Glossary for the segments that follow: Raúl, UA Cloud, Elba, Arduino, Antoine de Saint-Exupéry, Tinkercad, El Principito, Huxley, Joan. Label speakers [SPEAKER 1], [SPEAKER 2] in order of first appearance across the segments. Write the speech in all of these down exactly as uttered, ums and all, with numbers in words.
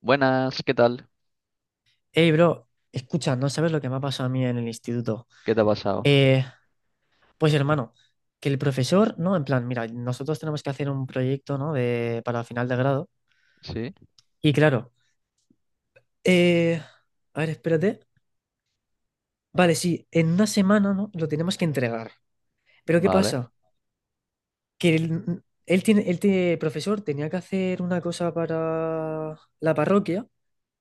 [SPEAKER 1] Buenas, ¿qué tal?
[SPEAKER 2] Hey, bro, escucha, no sabes lo que me ha pasado a mí en el instituto.
[SPEAKER 1] ¿Qué te ha pasado?
[SPEAKER 2] Eh, pues hermano, que el profesor, ¿no? En plan, mira, nosotros tenemos que hacer un proyecto, ¿no? De, para final de grado.
[SPEAKER 1] Sí,
[SPEAKER 2] Y claro, eh, a ver, espérate. Vale, sí, en una semana, ¿no? Lo tenemos que entregar. Pero ¿qué
[SPEAKER 1] vale.
[SPEAKER 2] pasa? Que él, él tiene, el te- profesor tenía que hacer una cosa para la parroquia,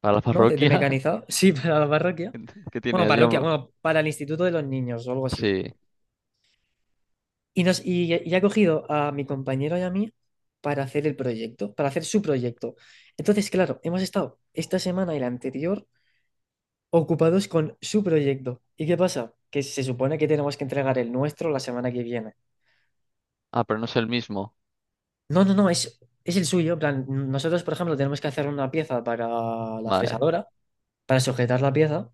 [SPEAKER 1] ¿Para la
[SPEAKER 2] ¿no? De, de
[SPEAKER 1] parroquia?
[SPEAKER 2] mecanizado. Sí, para la parroquia.
[SPEAKER 1] ¿Qué
[SPEAKER 2] Bueno,
[SPEAKER 1] tienes?
[SPEAKER 2] parroquia,
[SPEAKER 1] Yo-
[SPEAKER 2] bueno, para el instituto de los niños o algo así.
[SPEAKER 1] Sí.
[SPEAKER 2] Y, nos, y, y ha cogido a mi compañero y a mí para hacer el proyecto, para hacer su proyecto. Entonces, claro, hemos estado esta semana y la anterior ocupados con su proyecto. ¿Y qué pasa? Que se supone que tenemos que entregar el nuestro la semana que viene.
[SPEAKER 1] Ah, pero no es el mismo.
[SPEAKER 2] No, no, no, es, es el suyo. En plan, nosotros, por ejemplo, tenemos que hacer una pieza para la
[SPEAKER 1] Vale.
[SPEAKER 2] fresadora, para sujetar la pieza.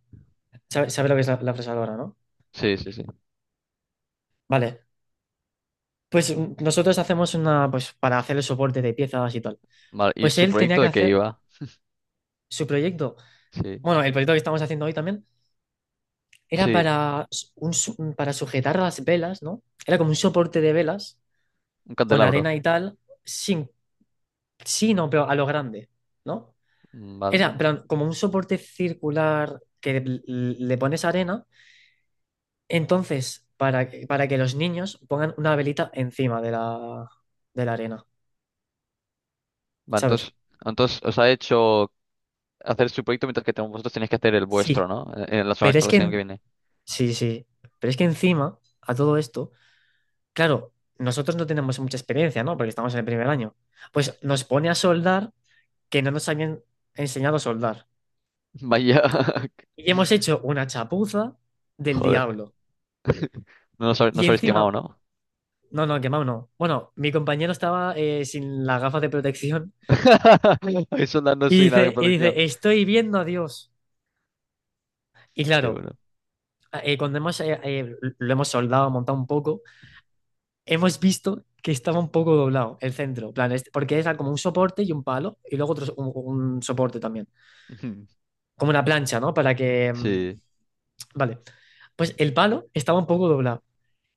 [SPEAKER 2] ¿Sabe, sabe lo que es la, la fresadora, no?
[SPEAKER 1] Sí, sí, sí.
[SPEAKER 2] Vale. Pues mm, nosotros hacemos una, pues para hacer el soporte de piezas y tal.
[SPEAKER 1] Vale. ¿Y
[SPEAKER 2] Pues
[SPEAKER 1] su
[SPEAKER 2] él tenía
[SPEAKER 1] proyecto
[SPEAKER 2] que
[SPEAKER 1] de qué
[SPEAKER 2] hacer
[SPEAKER 1] iba?
[SPEAKER 2] su proyecto.
[SPEAKER 1] Sí.
[SPEAKER 2] Bueno, el proyecto que estamos haciendo hoy también era
[SPEAKER 1] Sí,
[SPEAKER 2] para, s- un su- para sujetar las velas, ¿no? Era como un soporte de velas
[SPEAKER 1] un
[SPEAKER 2] con
[SPEAKER 1] candelabro.
[SPEAKER 2] arena y tal, sin, sí, no, pero a lo grande, ¿no?
[SPEAKER 1] Mm, Vale.
[SPEAKER 2] Era pero como un soporte circular que l- le pones arena, entonces, para, que- para que los niños pongan una velita encima de la, de la arena,
[SPEAKER 1] Vale,
[SPEAKER 2] ¿sabes?
[SPEAKER 1] entonces, entonces os ha hecho hacer su proyecto mientras que te- vosotros tenéis que hacer el
[SPEAKER 2] Sí,
[SPEAKER 1] vuestro, ¿no? En en la semana,
[SPEAKER 2] pero
[SPEAKER 1] para
[SPEAKER 2] es
[SPEAKER 1] la
[SPEAKER 2] que,
[SPEAKER 1] semana que
[SPEAKER 2] en-
[SPEAKER 1] viene.
[SPEAKER 2] sí, sí, pero es que encima a todo esto. Claro, nosotros no tenemos mucha experiencia, ¿no? Porque estamos en el primer año. Pues nos pone a soldar, que no nos habían enseñado a soldar.
[SPEAKER 1] Vaya.
[SPEAKER 2] Y hemos hecho una chapuza del
[SPEAKER 1] Joder.
[SPEAKER 2] diablo.
[SPEAKER 1] No os, habe- no
[SPEAKER 2] Y
[SPEAKER 1] os habéis
[SPEAKER 2] encima,
[SPEAKER 1] quemado, ¿no?
[SPEAKER 2] no, no, quemado no. Bueno, mi compañero estaba eh, sin las gafas de protección
[SPEAKER 1] Ahí soldando
[SPEAKER 2] y
[SPEAKER 1] sin nada de
[SPEAKER 2] dice, y
[SPEAKER 1] protección.
[SPEAKER 2] dice, estoy viendo a Dios. Y
[SPEAKER 1] Qué
[SPEAKER 2] claro,
[SPEAKER 1] bueno.
[SPEAKER 2] eh, cuando hemos, eh, eh, lo hemos soldado, montado un poco, hemos visto que estaba un poco doblado el centro. En plan, este- porque era como un soporte y un palo y luego otro, so- un un soporte también. Como una plancha, ¿no? Para que... mm,
[SPEAKER 1] Sí,
[SPEAKER 2] vale. Pues el palo estaba un poco doblado.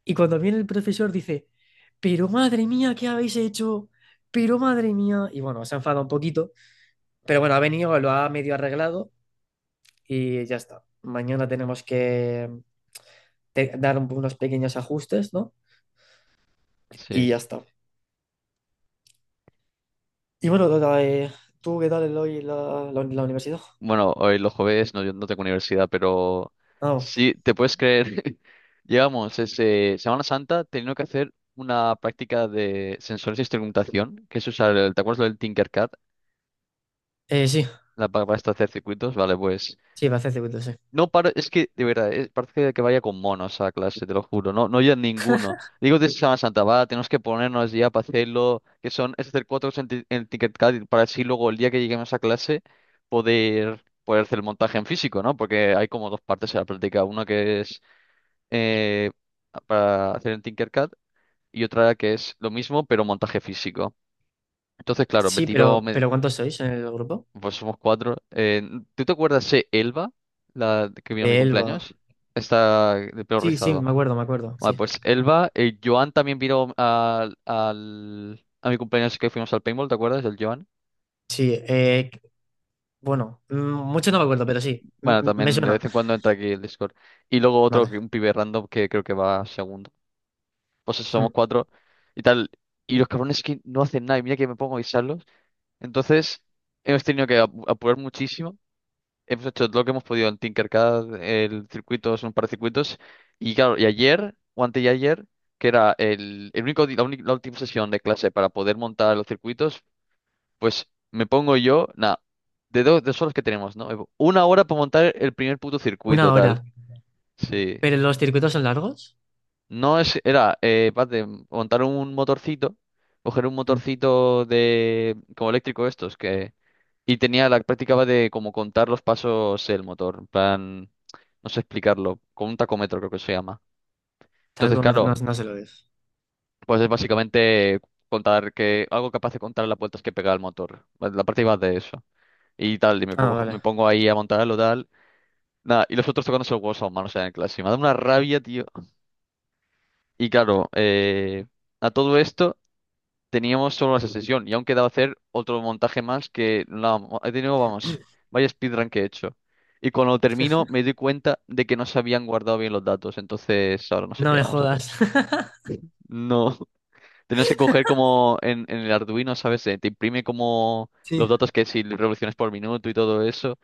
[SPEAKER 2] Y cuando viene el profesor dice, pero madre mía, ¿qué habéis hecho? Pero madre mía. Y bueno, se ha enfadado un poquito. Pero bueno, ha venido, lo ha medio arreglado y ya está. Mañana tenemos que mm, te- dar un- unos pequeños ajustes, ¿no? Y
[SPEAKER 1] sí.
[SPEAKER 2] ya está. Y bueno, Dora, eh, ¿tú qué tal el hoy la, la, la universidad?
[SPEAKER 1] Bueno, hoy los jueves no, yo no tengo universidad, pero
[SPEAKER 2] Ah, bueno.
[SPEAKER 1] sí, te puedes creer. Llevamos ese Semana Santa teniendo que hacer una práctica de sensores de instrumentación, que es usar el, ¿te acuerdas lo del Tinkercad?
[SPEAKER 2] eh, sí,
[SPEAKER 1] La pa- para esto hacer circuitos, vale, pues
[SPEAKER 2] sí, va a hacer circuito, sí.
[SPEAKER 1] no, para, es que, de verdad, es- parece que vaya con monos a clase, te lo juro. No, no hay ninguno. Digo de Semana Santa, va, tenemos que ponernos ya para hacerlo, que son, es hacer cuatro cosas en, ti- en Tinkercad para así luego el día que lleguemos a clase poder, poder hacer el montaje en físico, ¿no? Porque hay como dos partes en la práctica. Una que es eh, para hacer en Tinkercad y otra que es lo mismo, pero montaje físico. Entonces, claro, me
[SPEAKER 2] Sí, pero,
[SPEAKER 1] tiro, me,
[SPEAKER 2] pero ¿cuántos sois en el grupo?
[SPEAKER 1] pues somos cuatro. Eh, ¿tú te acuerdas de Elba, la que vino a mi
[SPEAKER 2] De Elba.
[SPEAKER 1] cumpleaños? Está de pelo
[SPEAKER 2] Sí, sí,
[SPEAKER 1] rizado.
[SPEAKER 2] me acuerdo, me acuerdo,
[SPEAKER 1] Vale,
[SPEAKER 2] sí.
[SPEAKER 1] pues Elba, eh, Joan también vino al, al- a mi cumpleaños que fuimos al paintball, ¿te acuerdas? El Joan.
[SPEAKER 2] Sí, eh, bueno, mm, mucho no me acuerdo, pero sí, mm,
[SPEAKER 1] Bueno,
[SPEAKER 2] mm, me
[SPEAKER 1] también de
[SPEAKER 2] suena.
[SPEAKER 1] vez en cuando entra aquí el Discord. Y luego otro,
[SPEAKER 2] Vale.
[SPEAKER 1] que- un pibe random que creo que va segundo. Pues eso, somos
[SPEAKER 2] Mm.
[SPEAKER 1] cuatro y tal. Y los cabrones que no hacen nada, y mira que me pongo a avisarlos. Entonces, hemos tenido que ap- apurar muchísimo. Hemos hecho todo lo que hemos podido en Tinkercad, el circuito, son un par de circuitos. Y claro, y ayer, o antes de ayer, que era el, el único, di- la, única- la última sesión de clase para poder montar los circuitos, pues me pongo yo, nada, de dos, dos horas que tenemos, ¿no? Una hora para montar el primer puto circuito,
[SPEAKER 2] Una hora.
[SPEAKER 1] tal. Sí.
[SPEAKER 2] ¿Pero los circuitos son largos?
[SPEAKER 1] No es, era, eh, paz de montar un motorcito, coger un
[SPEAKER 2] Mm.
[SPEAKER 1] motorcito de, como eléctrico estos, que, y tenía la práctica de como contar los pasos el motor, en plan, no sé explicarlo, con un tacómetro creo que se llama. Entonces,
[SPEAKER 2] Talcómetro, no,
[SPEAKER 1] claro,
[SPEAKER 2] no se lo dices.
[SPEAKER 1] pues es básicamente contar que, algo capaz de contar las vueltas que pega el motor, pues la práctica va de eso. Y tal, y me
[SPEAKER 2] Ah,
[SPEAKER 1] pongo, me
[SPEAKER 2] vale.
[SPEAKER 1] pongo ahí a montarlo, tal. Nada, y los otros tocándose el hueso a mano, o sea, en clase. Y me da una rabia, tío. Y claro, eh, a todo esto. Teníamos solo esa sesión y aún quedaba hacer otro montaje más que la, he tenido, vamos, vaya speedrun que he hecho. Y cuando termino me doy cuenta de que no se habían guardado bien los datos, entonces ahora no sé
[SPEAKER 2] No
[SPEAKER 1] qué
[SPEAKER 2] me
[SPEAKER 1] vamos a hacer.
[SPEAKER 2] jodas.
[SPEAKER 1] No, tenías que coger como en, en el Arduino, ¿sabes? Eh, Te imprime como los
[SPEAKER 2] Sí.
[SPEAKER 1] datos que si revoluciones por minuto y todo eso.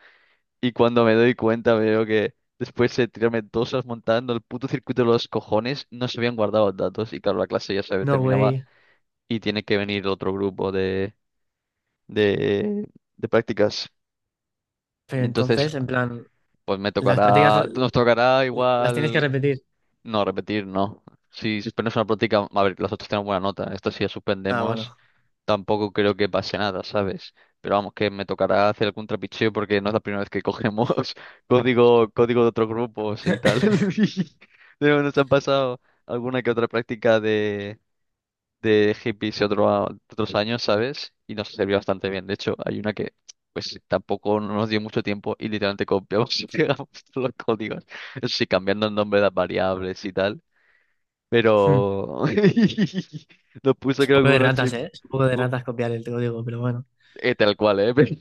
[SPEAKER 1] Y cuando me doy cuenta veo que después de tirarme dos horas montando el puto circuito de los cojones, no se habían guardado los datos. Y claro, la clase ya se
[SPEAKER 2] No,
[SPEAKER 1] terminaba
[SPEAKER 2] güey.
[SPEAKER 1] y tiene que venir otro grupo de de, de prácticas.
[SPEAKER 2] Pero
[SPEAKER 1] Y entonces,
[SPEAKER 2] entonces, en plan,
[SPEAKER 1] pues me
[SPEAKER 2] las prácticas
[SPEAKER 1] tocará,
[SPEAKER 2] l-
[SPEAKER 1] nos tocará
[SPEAKER 2] las tienes que
[SPEAKER 1] igual,
[SPEAKER 2] repetir.
[SPEAKER 1] no, repetir, no. Si suspendemos una práctica, a ver, las otras tenemos buena nota. Esto si la
[SPEAKER 2] Ah,
[SPEAKER 1] suspendemos,
[SPEAKER 2] bueno.
[SPEAKER 1] tampoco creo que pase nada, ¿sabes? Pero vamos, que me tocará hacer algún trapicheo porque no es la primera vez que cogemos código, código de otros grupos y tal. Pero nos han pasado alguna que otra práctica de de hippies de, otro a- de otros años, ¿sabes? Y nos sirvió bastante bien. De hecho, hay una que pues tampoco nos dio mucho tiempo y literalmente copiamos y pegamos todos los códigos. Eso sí, cambiando el nombre de las variables y tal.
[SPEAKER 2] Mm.
[SPEAKER 1] Pero nos puso
[SPEAKER 2] Es un
[SPEAKER 1] creo que
[SPEAKER 2] poco de
[SPEAKER 1] un ocho
[SPEAKER 2] ratas,
[SPEAKER 1] y-
[SPEAKER 2] ¿eh? Es un poco de
[SPEAKER 1] u-
[SPEAKER 2] ratas copiar el código, pero bueno.
[SPEAKER 1] eh, tal cual, ¿eh? Pero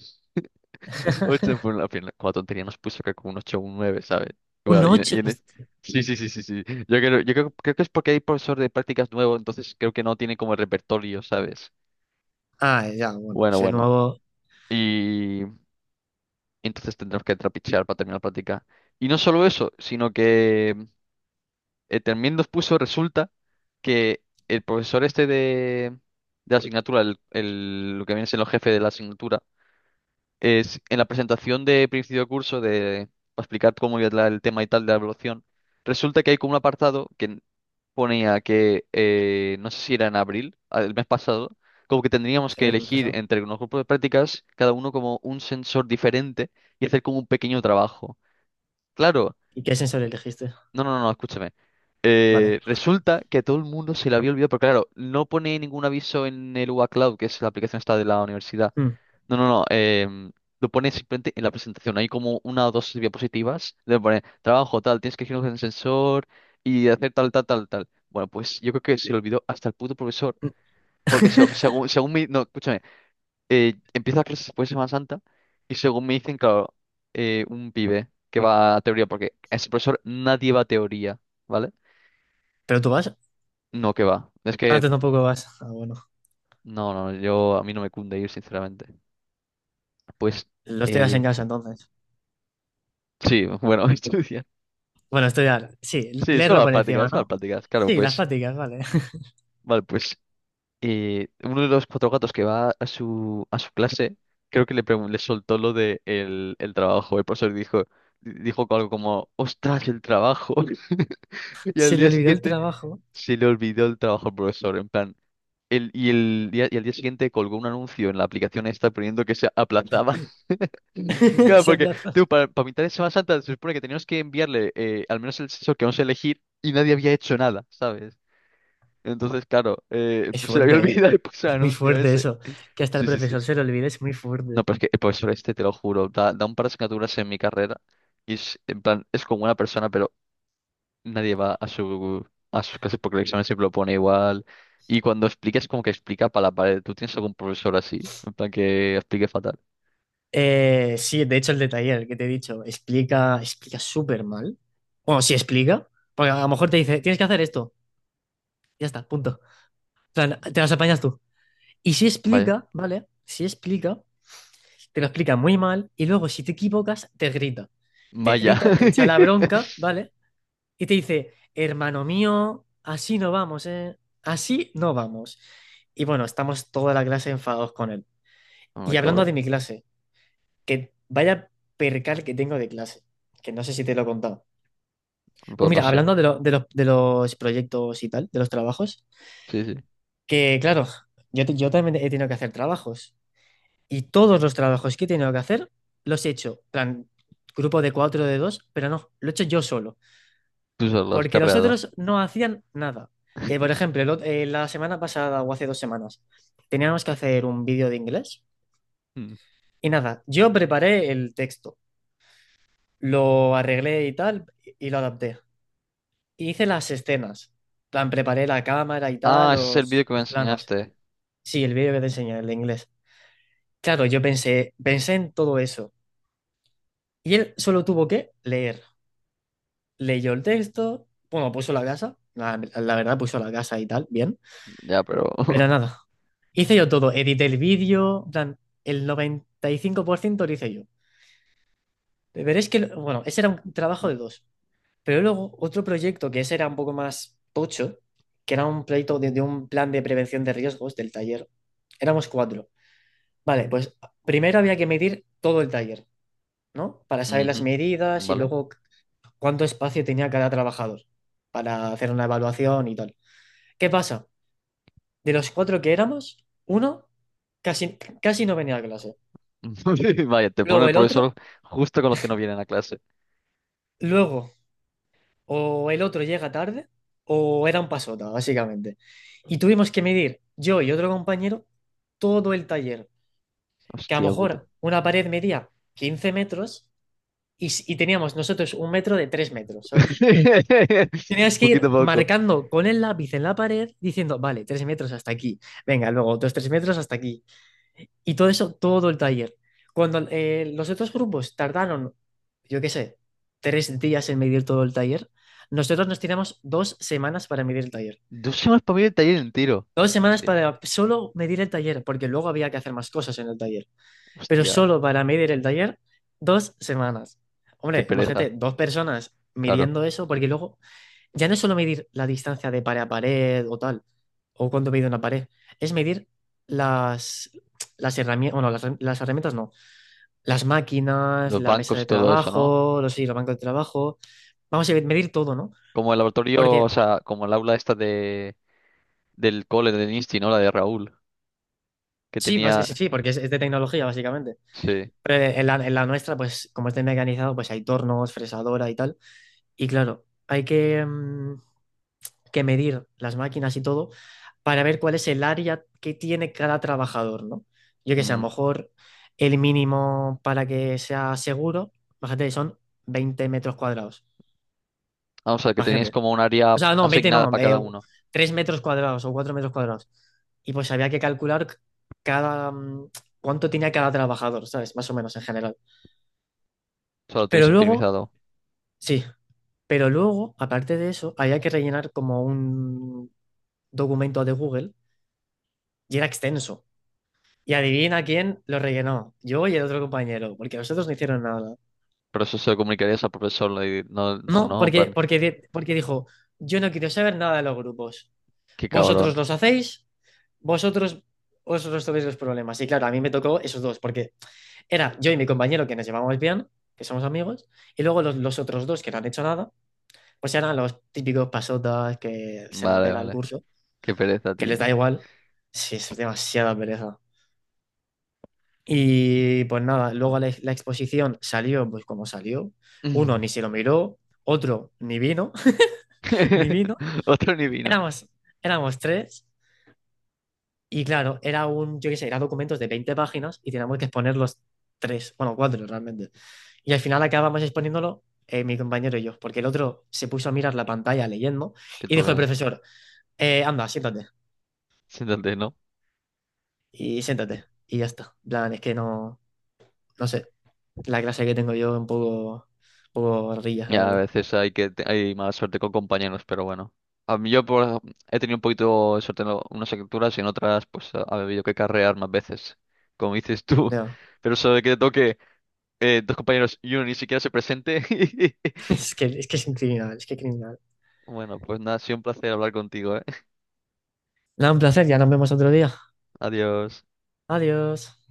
[SPEAKER 1] ocho en fue la final. Con tontería nos puso creo que un ocho o un nueve, ¿sabes?
[SPEAKER 2] Un
[SPEAKER 1] Bueno, y en, y
[SPEAKER 2] ocho.
[SPEAKER 1] en es-
[SPEAKER 2] Hostia.
[SPEAKER 1] Sí, sí, sí, sí, sí. Yo creo, yo creo, creo que es porque hay profesor de prácticas nuevo, entonces creo que no tiene como el repertorio, ¿sabes?
[SPEAKER 2] Ah, ya, bueno.
[SPEAKER 1] Bueno,
[SPEAKER 2] Si es
[SPEAKER 1] bueno.
[SPEAKER 2] nuevo,
[SPEAKER 1] Y entonces tendremos que trapichear para terminar la práctica. Y no solo eso, sino que eh, también nos puso, resulta que el profesor este de, de la asignatura, el, el- lo que viene siendo el jefe de la asignatura, es en la presentación de principio de curso de para explicar cómo iba la- el tema y tal de la evaluación, resulta que hay como un apartado que ponía que, eh, no sé si era en abril, a- el mes pasado, como que tendríamos
[SPEAKER 2] si
[SPEAKER 1] que
[SPEAKER 2] es el
[SPEAKER 1] elegir
[SPEAKER 2] pasado.
[SPEAKER 1] entre unos grupos de prácticas, cada uno como un sensor diferente y hacer como un pequeño trabajo. Claro,
[SPEAKER 2] ¿Y qué sensor elegiste?
[SPEAKER 1] no, no, no, no, escúchame.
[SPEAKER 2] Vale.
[SPEAKER 1] Eh, resulta que todo el mundo se le había olvidado, pero claro, no pone ningún aviso en el U A Cloud, que es la aplicación esta de la universidad.
[SPEAKER 2] Mm.
[SPEAKER 1] No, no, no, em, lo pone simplemente en la presentación. Hay como una o dos diapositivas, le pone trabajo tal, tienes que elegir un sensor y hacer tal, tal, tal, tal. Bueno, pues yo creo que se le olvidó hasta el puto profesor. Porque se- según, según mi. No, escúchame. Eh, empieza clases después de Semana Santa y según me dicen, claro, eh, un pibe que va a teoría, porque ese profesor nadie va a teoría, ¿vale?
[SPEAKER 2] ¿Pero tú vas?
[SPEAKER 1] No, que va. Es
[SPEAKER 2] Ah,
[SPEAKER 1] que.
[SPEAKER 2] tú tampoco vas. Ah, bueno.
[SPEAKER 1] No, no, yo a mí no me cunde ir, sinceramente. Pues.
[SPEAKER 2] Lo estudias en
[SPEAKER 1] Eh,
[SPEAKER 2] casa entonces.
[SPEAKER 1] sí, bueno, estudiar.
[SPEAKER 2] Bueno, estudiar. Sí,
[SPEAKER 1] Sí, son
[SPEAKER 2] leerlo
[SPEAKER 1] las
[SPEAKER 2] por encima,
[SPEAKER 1] prácticas, son las
[SPEAKER 2] ¿no?
[SPEAKER 1] prácticas. Claro,
[SPEAKER 2] Sí, las
[SPEAKER 1] pues.
[SPEAKER 2] prácticas, vale.
[SPEAKER 1] Vale, pues. Y uno de los cuatro gatos que va a su, a su clase, creo que le, pregun- le soltó lo de el, el trabajo. El profesor dijo, dijo algo como, ostras, el trabajo. Y al
[SPEAKER 2] Se le
[SPEAKER 1] día
[SPEAKER 2] olvidó el
[SPEAKER 1] siguiente
[SPEAKER 2] trabajo.
[SPEAKER 1] se le olvidó el trabajo al profesor. En plan, el, y, el día, y al día siguiente colgó un anuncio en la aplicación esta poniendo que se aplazaba. Claro,
[SPEAKER 2] Se
[SPEAKER 1] porque
[SPEAKER 2] aplazó.
[SPEAKER 1] tú, para, para mitad de Semana Santa se supone que teníamos que enviarle eh, al menos el sexo que vamos a elegir y nadie había hecho nada, ¿sabes? Entonces, claro, eh,
[SPEAKER 2] Es
[SPEAKER 1] pues se le había
[SPEAKER 2] fuerte, ¿eh?
[SPEAKER 1] olvidado y puso el
[SPEAKER 2] Es muy
[SPEAKER 1] anuncio.
[SPEAKER 2] fuerte eso. Que hasta el
[SPEAKER 1] Sí, sí, sí.
[SPEAKER 2] profesor se lo olvide es muy
[SPEAKER 1] No,
[SPEAKER 2] fuerte.
[SPEAKER 1] pero es que el profesor este, te lo juro, da, da un par de asignaturas en mi carrera y es, en plan, es como una persona, pero nadie va a su, a sus clases porque el examen siempre lo pone igual. Y cuando explica es como que explica para la pared. ¿Tú tienes algún profesor así? En plan, que explique fatal.
[SPEAKER 2] Eh, sí, de hecho, el de taller que te he dicho explica, explica súper mal. Bueno, sí explica. Porque a lo mejor te dice, tienes que hacer esto. Ya está, punto. En plan, te las apañas tú. Y si
[SPEAKER 1] Vaya.
[SPEAKER 2] explica, ¿vale? Si explica, te lo explica muy mal y luego si te equivocas, te grita. Te
[SPEAKER 1] Vaya.
[SPEAKER 2] grita, te echa la bronca, ¿vale? Y te dice, hermano mío, así no vamos, ¿eh? Así no vamos. Y bueno, estamos toda la clase enfadados con él.
[SPEAKER 1] No me
[SPEAKER 2] Y hablando de
[SPEAKER 1] cabrón.
[SPEAKER 2] mi clase, que vaya percal que tengo de clase, que no sé si te lo he contado. Pues
[SPEAKER 1] Pues no
[SPEAKER 2] mira,
[SPEAKER 1] sé.
[SPEAKER 2] hablando de, lo- de los, de los proyectos y tal, de los trabajos,
[SPEAKER 1] Sí, sí.
[SPEAKER 2] que claro, yo, te- yo también he tenido que hacer trabajos. Y todos los trabajos que he tenido que hacer los he hecho, plan, grupo de cuatro de dos, pero no, lo he hecho yo solo,
[SPEAKER 1] Tú solo lo has
[SPEAKER 2] porque los
[SPEAKER 1] carreado.
[SPEAKER 2] otros no hacían nada. Que, por ejemplo, el ot- eh, la semana pasada o hace dos semanas teníamos que hacer un vídeo de inglés
[SPEAKER 1] Mm.
[SPEAKER 2] y nada, yo preparé el texto, lo arreglé y tal, y lo adapté. Y hice las escenas, plan, preparé la cámara y
[SPEAKER 1] Ah,
[SPEAKER 2] tal,
[SPEAKER 1] ese es el vídeo
[SPEAKER 2] los,
[SPEAKER 1] que me
[SPEAKER 2] los planos.
[SPEAKER 1] enseñaste.
[SPEAKER 2] Sí, el vídeo que te enseñé, el de inglés. Claro, yo pensé, pensé en todo eso. Y él solo tuvo que leer. Leyó el texto, bueno, puso la casa, la, la verdad puso la casa y tal, bien,
[SPEAKER 1] Ya, pero.
[SPEAKER 2] pero nada, hice yo todo, edité el vídeo, en plan, el noventa y cinco por ciento lo hice yo. Pero es que, bueno, ese era un trabajo
[SPEAKER 1] Mm.
[SPEAKER 2] de dos, pero luego otro proyecto que ese era un poco más tocho, que era un proyecto de, de un plan de prevención de riesgos del taller, éramos cuatro. Vale, pues primero había que medir todo el taller, ¿no? Para saber las
[SPEAKER 1] Ujú.
[SPEAKER 2] medidas y
[SPEAKER 1] Vale.
[SPEAKER 2] luego cuánto espacio tenía cada trabajador para hacer una evaluación y tal. ¿Qué pasa? De los cuatro que éramos, uno casi, casi no venía a clase.
[SPEAKER 1] Vaya, te pone
[SPEAKER 2] Luego
[SPEAKER 1] el
[SPEAKER 2] el otro,
[SPEAKER 1] profesor justo con los que no vienen a clase.
[SPEAKER 2] luego o el otro llega tarde o era un pasota, básicamente. Y tuvimos que medir, yo y otro compañero, todo el taller, que a lo
[SPEAKER 1] Hostia puta.
[SPEAKER 2] mejor una pared medía quince metros y, s- y teníamos nosotros un metro de tres metros, ¿sabes? Tenías que
[SPEAKER 1] Poquito a
[SPEAKER 2] ir
[SPEAKER 1] poco.
[SPEAKER 2] marcando con el lápiz en la pared diciendo, vale, tres metros hasta aquí, venga, luego otros tres metros hasta aquí. Y todo eso, todo el taller. Cuando eh, los otros grupos tardaron, yo qué sé, tres días en medir todo el taller, nosotros nos tiramos dos semanas para medir el taller.
[SPEAKER 1] Dos semanas para mí el taller entero.
[SPEAKER 2] Dos semanas
[SPEAKER 1] Hostia,
[SPEAKER 2] para solo medir el taller, porque luego había que hacer más cosas en el taller. Pero
[SPEAKER 1] hostia,
[SPEAKER 2] solo para medir el taller, dos semanas.
[SPEAKER 1] qué
[SPEAKER 2] Hombre, imagínate,
[SPEAKER 1] pereza.
[SPEAKER 2] dos personas
[SPEAKER 1] Claro.
[SPEAKER 2] midiendo eso, porque luego ya no es solo medir la distancia de pared a pared o tal, o cuánto mide una pared, es medir las, las herramientas, bueno, las, las herramientas no, las máquinas,
[SPEAKER 1] Los
[SPEAKER 2] la mesa
[SPEAKER 1] bancos
[SPEAKER 2] de
[SPEAKER 1] y todo eso, ¿no?
[SPEAKER 2] trabajo, los, sí, los bancos de trabajo. Vamos a medir todo, ¿no?
[SPEAKER 1] Como el laboratorio, o
[SPEAKER 2] Porque
[SPEAKER 1] sea, como el aula esta de del cole del Insti, ¿no? La de Raúl. Que
[SPEAKER 2] sí, pues, sí,
[SPEAKER 1] tenía.
[SPEAKER 2] sí, porque es, es de tecnología, básicamente.
[SPEAKER 1] Sí.
[SPEAKER 2] Pero en la, en la nuestra, pues como está mecanizado, pues hay tornos, fresadora y tal. Y claro, hay que, mm, que medir las máquinas y todo para ver cuál es el área que tiene cada trabajador, ¿no? Yo que sé, a lo
[SPEAKER 1] Mm.
[SPEAKER 2] mejor el mínimo para que sea seguro, imagínate, son veinte metros cuadrados.
[SPEAKER 1] Ah, o sea, que tenéis
[SPEAKER 2] Imagínate,
[SPEAKER 1] como un área
[SPEAKER 2] o sea, no, veinte no,
[SPEAKER 1] asignada para
[SPEAKER 2] eh,
[SPEAKER 1] cada uno.
[SPEAKER 2] tres metros cuadrados o cuatro metros cuadrados. Y pues había que calcular cada, mm, cuánto tenía cada trabajador, ¿sabes? Más o menos en general.
[SPEAKER 1] O sea, lo tenéis
[SPEAKER 2] Pero luego,
[SPEAKER 1] optimizado.
[SPEAKER 2] sí, pero luego, aparte de eso, había que rellenar como un documento de Google y era extenso. Y adivina quién lo rellenó, yo y el otro compañero, porque los otros no hicieron nada.
[SPEAKER 1] Pero eso se lo comunicarías al profesor, le di- no, o
[SPEAKER 2] No,
[SPEAKER 1] no, en
[SPEAKER 2] porque,
[SPEAKER 1] plan,
[SPEAKER 2] porque, di- porque dijo, yo no quiero saber nada de los grupos.
[SPEAKER 1] qué
[SPEAKER 2] Vosotros
[SPEAKER 1] cabrón.
[SPEAKER 2] los hacéis vosotros, os resolvéis los problemas. Y claro, a mí me tocó esos dos, porque era yo y mi compañero que nos llevábamos bien, que somos amigos, y luego los, los otros dos que no han hecho nada, pues eran los típicos pasotas que se la
[SPEAKER 1] Vale,
[SPEAKER 2] pela el
[SPEAKER 1] vale.
[SPEAKER 2] curso,
[SPEAKER 1] Qué pereza,
[SPEAKER 2] que
[SPEAKER 1] tío.
[SPEAKER 2] les da igual. Sí, es demasiada pereza. Y pues nada, luego la, la exposición salió pues como salió. Uno ni se lo miró, otro ni vino, ni vino.
[SPEAKER 1] Otro ni vino.
[SPEAKER 2] Éramos, éramos tres. Y claro, era un, yo qué sé, era documentos de veinte páginas y teníamos que exponer los tres, bueno, cuatro realmente. Y al final acabamos exponiéndolo eh, mi compañero y yo, porque el otro se puso a mirar la pantalla leyendo
[SPEAKER 1] Qué
[SPEAKER 2] y dijo el
[SPEAKER 1] troleada.
[SPEAKER 2] profesor, "Eh, anda, siéntate
[SPEAKER 1] Siéntate, ¿no?
[SPEAKER 2] y siéntate." Y ya está. En plan, es que no, no sé, la clase que tengo yo es un poco, un poco rillas, la
[SPEAKER 1] Ya, a
[SPEAKER 2] verdad.
[SPEAKER 1] veces hay que te- hay mala suerte con compañeros, pero bueno. A mí yo por, ej- he tenido un poquito de suerte en lo- unas capturas y en otras pues ha ha habido que carrear más veces, como dices tú.
[SPEAKER 2] No,
[SPEAKER 1] Pero eso de que te toque eh, dos compañeros y uno ni siquiera se presente.
[SPEAKER 2] es que, es que es un criminal, es que criminal.
[SPEAKER 1] Bueno, pues nada, ha sido un placer hablar contigo, ¿eh?
[SPEAKER 2] Nada, un placer, ya nos vemos otro día.
[SPEAKER 1] Adiós.
[SPEAKER 2] Adiós.